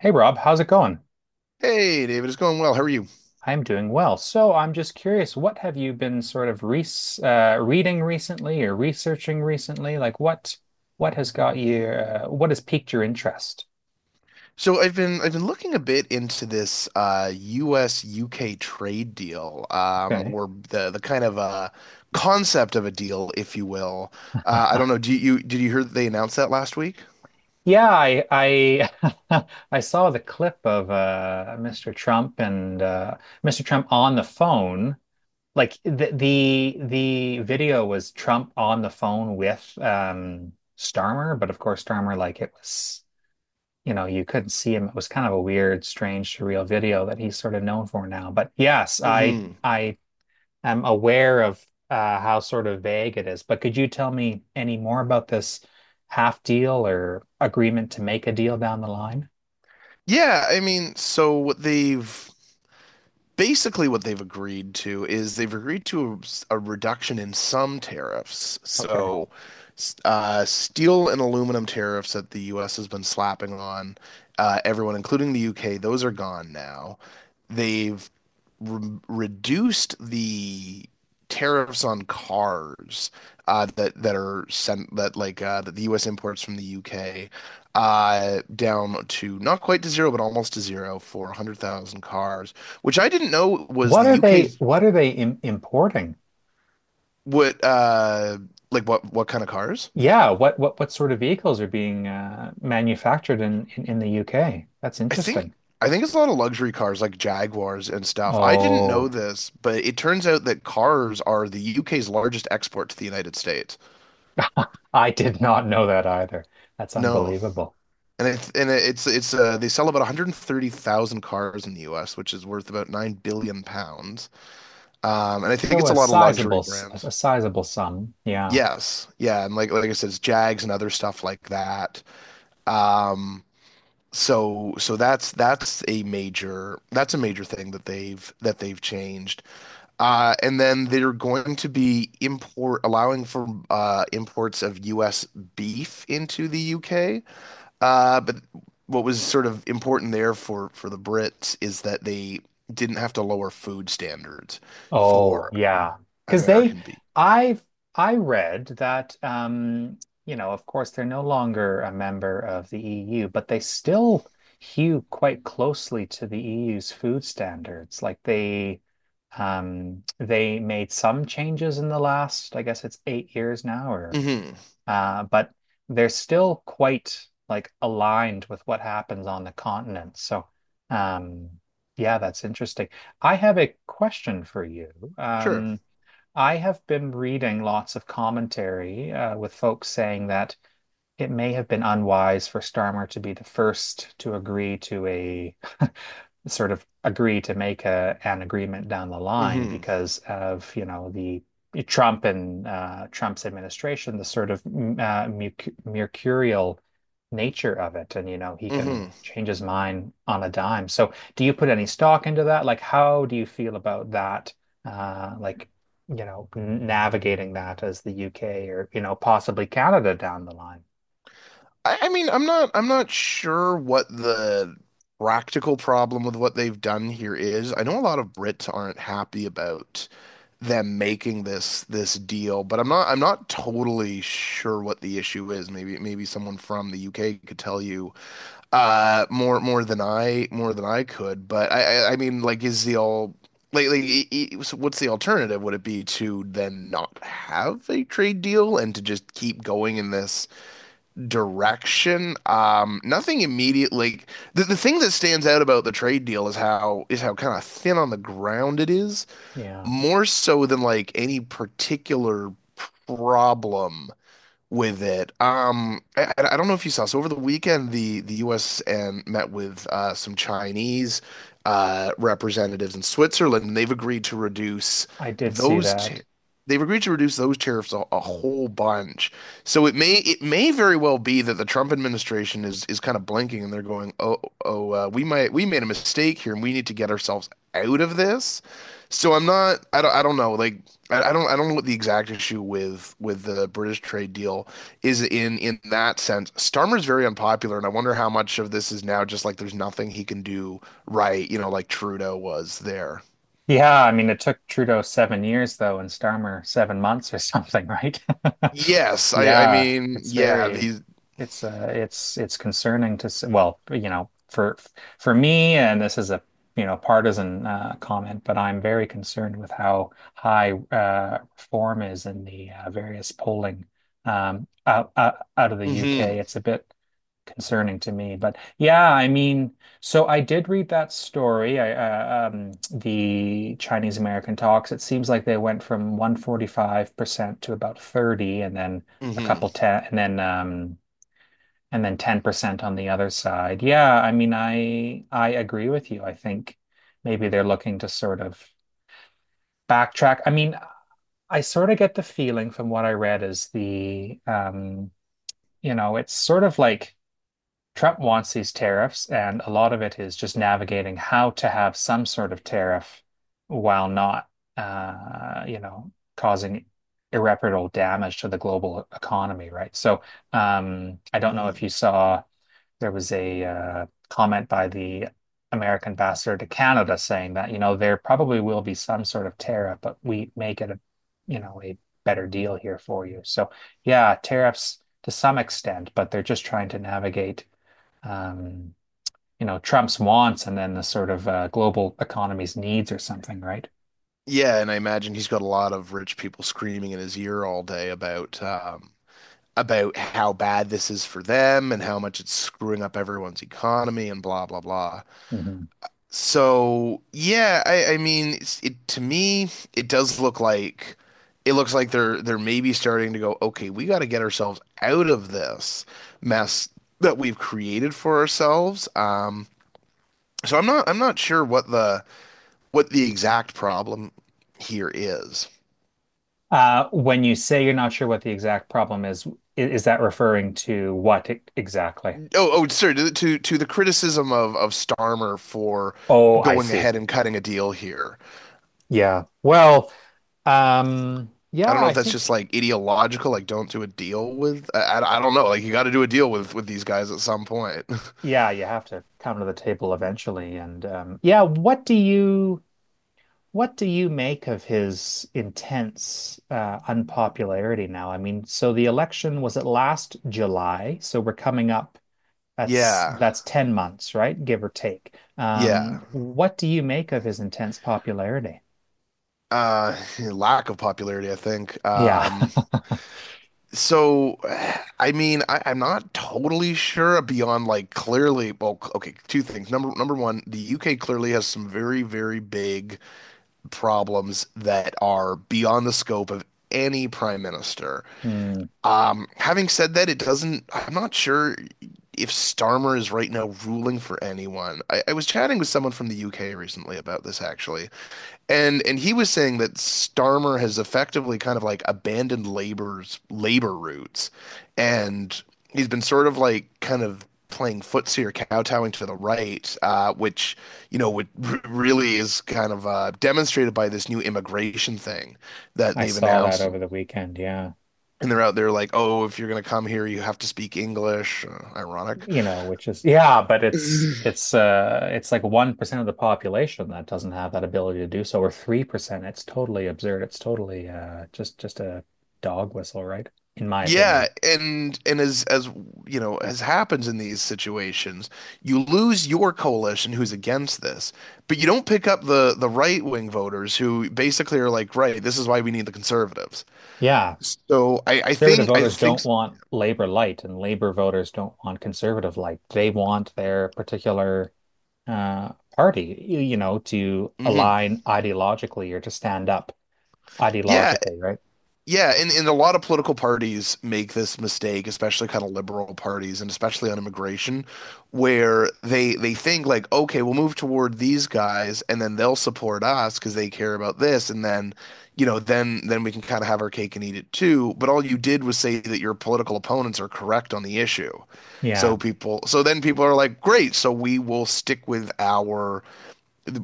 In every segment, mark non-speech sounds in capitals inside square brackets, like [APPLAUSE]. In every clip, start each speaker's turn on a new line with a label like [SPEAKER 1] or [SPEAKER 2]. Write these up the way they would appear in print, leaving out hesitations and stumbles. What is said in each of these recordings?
[SPEAKER 1] Hey Rob, how's it going?
[SPEAKER 2] Hey David, it's going well. How are you?
[SPEAKER 1] I'm doing well. So I'm just curious, what have you been sort of re reading recently or researching recently? Like what has got you what has piqued your interest?
[SPEAKER 2] So I've been looking a bit into this U.S. UK trade deal,
[SPEAKER 1] Okay.
[SPEAKER 2] or the kind of concept of a deal, if you will. I don't know. Do you did you hear that they announced that last week?
[SPEAKER 1] Yeah, I [LAUGHS] I saw the clip of Mr. Trump and Mr. Trump on the phone. Like the video was Trump on the phone with Starmer, but of course Starmer like it was, you know, you couldn't see him. It was kind of a weird, strange, surreal video that he's sort of known for now. But yes, I
[SPEAKER 2] hmm
[SPEAKER 1] I am aware of how sort of vague it is. But could you tell me any more about this half deal or agreement to make a deal down the line?
[SPEAKER 2] Yeah, I mean, so what they've basically what they've agreed to is they've agreed to a reduction in some tariffs.
[SPEAKER 1] Okay.
[SPEAKER 2] So, steel and aluminum tariffs that the U.S. has been slapping on everyone, including the U.K., those are gone now. They've re reduced the tariffs on cars that that are sent that like that the U.S. imports from the U.K. Down to not quite to zero but almost to zero for 100,000 cars, which I didn't know was the UK's.
[SPEAKER 1] What are they im importing?
[SPEAKER 2] What uh like what kind of cars?
[SPEAKER 1] Yeah, what sort of vehicles are being manufactured in, in the UK? That's
[SPEAKER 2] I think
[SPEAKER 1] interesting.
[SPEAKER 2] I think it's a lot of luxury cars like Jaguars and stuff. I didn't know
[SPEAKER 1] Oh,
[SPEAKER 2] this, but it turns out that cars are the UK's largest export to the United States.
[SPEAKER 1] [LAUGHS] I did not know that either. That's
[SPEAKER 2] No.
[SPEAKER 1] unbelievable.
[SPEAKER 2] And it's they sell about 130,000 cars in the US, which is worth about 9 billion pounds. And I think
[SPEAKER 1] Well,
[SPEAKER 2] it's a lot of luxury
[SPEAKER 1] a
[SPEAKER 2] brands.
[SPEAKER 1] sizable sum. Yeah.
[SPEAKER 2] Yes. Yeah, and like I said, it's Jags and other stuff like that. Um so that's that's a major thing that they've changed. And then they're going to be import allowing for imports of US beef into the UK. But what was sort of important there for the Brits is that they didn't have to lower food standards
[SPEAKER 1] Oh,
[SPEAKER 2] for
[SPEAKER 1] yeah. Because
[SPEAKER 2] American beef.
[SPEAKER 1] I've, I read that, you know, of course, they're no longer a member of the EU, but they still hew quite closely to the EU's food standards. Like they made some changes in the last, I guess it's 8 years now, or
[SPEAKER 2] hmm
[SPEAKER 1] but they're still quite like aligned with what happens on the continent. So, um, yeah, that's interesting. I have a question for you.
[SPEAKER 2] Sure.
[SPEAKER 1] Um, I have been reading lots of commentary with folks saying that it may have been unwise for Starmer to be the first to agree to a [LAUGHS] sort of agree to make a an agreement down the line
[SPEAKER 2] hmm
[SPEAKER 1] because of, you know, the Trump and Trump's administration, the sort of mercurial nature of it, and you know, he can
[SPEAKER 2] hmm
[SPEAKER 1] change his mind on a dime. So, do you put any stock into that? Like, how do you feel about that? Like, you know, navigating that as the UK or, you know, possibly Canada down the line.
[SPEAKER 2] I mean, I'm not sure what the practical problem with what they've done here is. I know a lot of Brits aren't happy about them making this deal, but I'm not totally sure what the issue is. Maybe someone from the UK could tell you more more than I could. But I mean, like is the all like, e- e- so what's the alternative? Would it be to then not have a trade deal and to just keep going in this direction? Nothing immediate. Like the thing that stands out about the trade deal is how kind of thin on the ground it is,
[SPEAKER 1] Yeah,
[SPEAKER 2] more so than like any particular problem with it. I don't know if you saw. So over the weekend, the U.S. and met with some Chinese representatives in Switzerland, and they've agreed to reduce
[SPEAKER 1] I did see
[SPEAKER 2] those. T
[SPEAKER 1] that.
[SPEAKER 2] those tariffs a whole bunch. So it may very well be that the Trump administration is kind of blinking, and they're going, "Oh, oh, we made a mistake here, and we need to get ourselves out of this." So I'm not. I don't. I don't know. Like I don't know what the exact issue with the British trade deal is in that sense. Starmer's very unpopular, and I wonder how much of this is now just like there's nothing he can do, right? You know, like Trudeau was there.
[SPEAKER 1] Yeah, I mean, it took Trudeau 7 years though, and Starmer 7 months or something, right? [LAUGHS]
[SPEAKER 2] Yes, I
[SPEAKER 1] Yeah,
[SPEAKER 2] mean, yeah, these
[SPEAKER 1] it's it's concerning to s well, you know, for me, and this is a you know partisan comment, but I'm very concerned with how high reform is in the various polling out of the UK.
[SPEAKER 2] hmm
[SPEAKER 1] It's a bit concerning to me. But yeah, I mean, so I did read that story, the Chinese American talks. It seems like they went from 145% to about 30 and then a
[SPEAKER 2] hmm
[SPEAKER 1] couple 10 and then 10% on the other side. Yeah, I mean, I agree with you. I think maybe they're looking to sort of backtrack. I mean, I sort of get the feeling from what I read is the you know, it's sort of like Trump wants these tariffs, and a lot of it is just navigating how to have some sort of tariff while not, you know, causing irreparable damage to the global economy, right? So, I don't know if you
[SPEAKER 2] hmm
[SPEAKER 1] saw there was a comment by the American ambassador to Canada saying that, you know, there probably will be some sort of tariff, but we may get you know, a better deal here for you. So, yeah, tariffs to some extent, but they're just trying to navigate um, you know, Trump's wants and then the sort of global economy's needs or something, right?
[SPEAKER 2] yeah, and I imagine he's got a lot of rich people screaming in his ear all day about how bad this is for them and how much it's screwing up everyone's economy and blah blah blah.
[SPEAKER 1] Mhm.
[SPEAKER 2] So yeah, I mean, it to me, it does look like it looks like they're maybe starting to go, okay, we got to get ourselves out of this mess that we've created for ourselves. So I'm not sure what the exact problem here is.
[SPEAKER 1] When you say you're not sure what the exact problem is that referring to what e- exactly?
[SPEAKER 2] Oh, oh, sorry, to the criticism of Starmer for
[SPEAKER 1] Oh, I
[SPEAKER 2] going
[SPEAKER 1] see.
[SPEAKER 2] ahead and cutting a deal here.
[SPEAKER 1] Yeah. Well,
[SPEAKER 2] I
[SPEAKER 1] yeah,
[SPEAKER 2] don't know if
[SPEAKER 1] I
[SPEAKER 2] that's
[SPEAKER 1] think,
[SPEAKER 2] just like ideological, like don't do a deal with. I don't know. Like you got to do a deal with these guys at some point. [LAUGHS]
[SPEAKER 1] yeah, you have to come to the table eventually. And yeah, what do you make of his intense unpopularity now? I mean, so the election was at last July? So we're coming up. That's
[SPEAKER 2] yeah,
[SPEAKER 1] that's 10 months, right? Give or take.
[SPEAKER 2] yeah.
[SPEAKER 1] What do you make of his intense popularity?
[SPEAKER 2] Lack of popularity, I think.
[SPEAKER 1] Yeah. [LAUGHS]
[SPEAKER 2] So, I mean, I'm not totally sure beyond like clearly. Well, okay, two things. Number one, the UK clearly has some very very big problems that are beyond the scope of any prime minister.
[SPEAKER 1] Hmm.
[SPEAKER 2] Having said that, it doesn't, I'm not sure if Starmer is right now ruling for anyone. I was chatting with someone from the UK recently about this actually, and he was saying that Starmer has effectively kind of like abandoned labor roots, and he's been sort of like kind of playing footsie or kowtowing to the right, which you know would r really is kind of demonstrated by this new immigration thing that
[SPEAKER 1] I
[SPEAKER 2] they've
[SPEAKER 1] saw that
[SPEAKER 2] announced,
[SPEAKER 1] over the weekend. Yeah.
[SPEAKER 2] and they're out there like, oh, if you're gonna come here, you have to speak English. Ironic.
[SPEAKER 1] You know, which is yeah, but it's
[SPEAKER 2] [LAUGHS]
[SPEAKER 1] it's uh it's like 1% of the population that doesn't have that ability to do so, or 3%. It's totally absurd. It's totally just a dog whistle, right? In my
[SPEAKER 2] Yeah,
[SPEAKER 1] opinion.
[SPEAKER 2] and as you know, as happens in these situations, you lose your coalition who's against this, but you don't pick up the right wing voters who basically are like, right, this is why we need the conservatives.
[SPEAKER 1] Yeah.
[SPEAKER 2] So
[SPEAKER 1] Conservative
[SPEAKER 2] I
[SPEAKER 1] voters
[SPEAKER 2] think
[SPEAKER 1] don't want Labor light, and Labor voters don't want conservative light. They want their particular party, you know, to
[SPEAKER 2] mhm.
[SPEAKER 1] align ideologically or to stand up
[SPEAKER 2] Yeah,
[SPEAKER 1] ideologically, right?
[SPEAKER 2] yeah, and a lot of political parties make this mistake, especially kind of liberal parties and especially on immigration, where they think like, okay, we'll move toward these guys and then they'll support us because they care about this, and then, you know, then we can kind of have our cake and eat it too. But all you did was say that your political opponents are correct on the issue.
[SPEAKER 1] Yeah.
[SPEAKER 2] So then people are like, great, so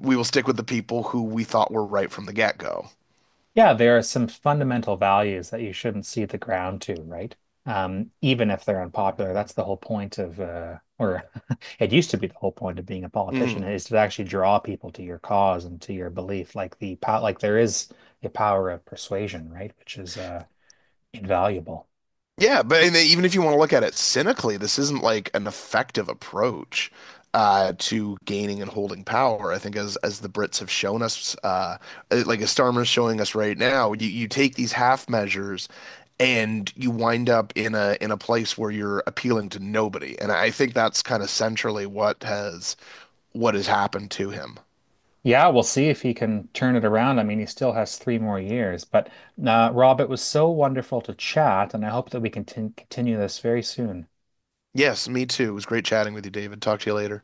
[SPEAKER 2] we will stick with the people who we thought were right from the get-go.
[SPEAKER 1] Yeah, there are some fundamental values that you shouldn't see the ground to, right? Even if they're unpopular, that's the whole point of, or [LAUGHS] it used to be the whole point of being a politician
[SPEAKER 2] Mhm.
[SPEAKER 1] is to actually draw people to your cause and to your belief. Like the power, like there is a power of persuasion, right? Which is invaluable.
[SPEAKER 2] Yeah, but and they- even if you want to look at it cynically, this isn't like an effective approach to gaining and holding power. I think as the Brits have shown us, like as Starmer's showing us right now, you take these half measures and you wind up in a place where you're appealing to nobody. And I think that's kind of centrally what has happened to him.
[SPEAKER 1] Yeah, we'll see if he can turn it around. I mean, he still has 3 more years. But Rob, it was so wonderful to chat, and I hope that we can tin- continue this very soon.
[SPEAKER 2] Yes, me too. It was great chatting with you, David. Talk to you later.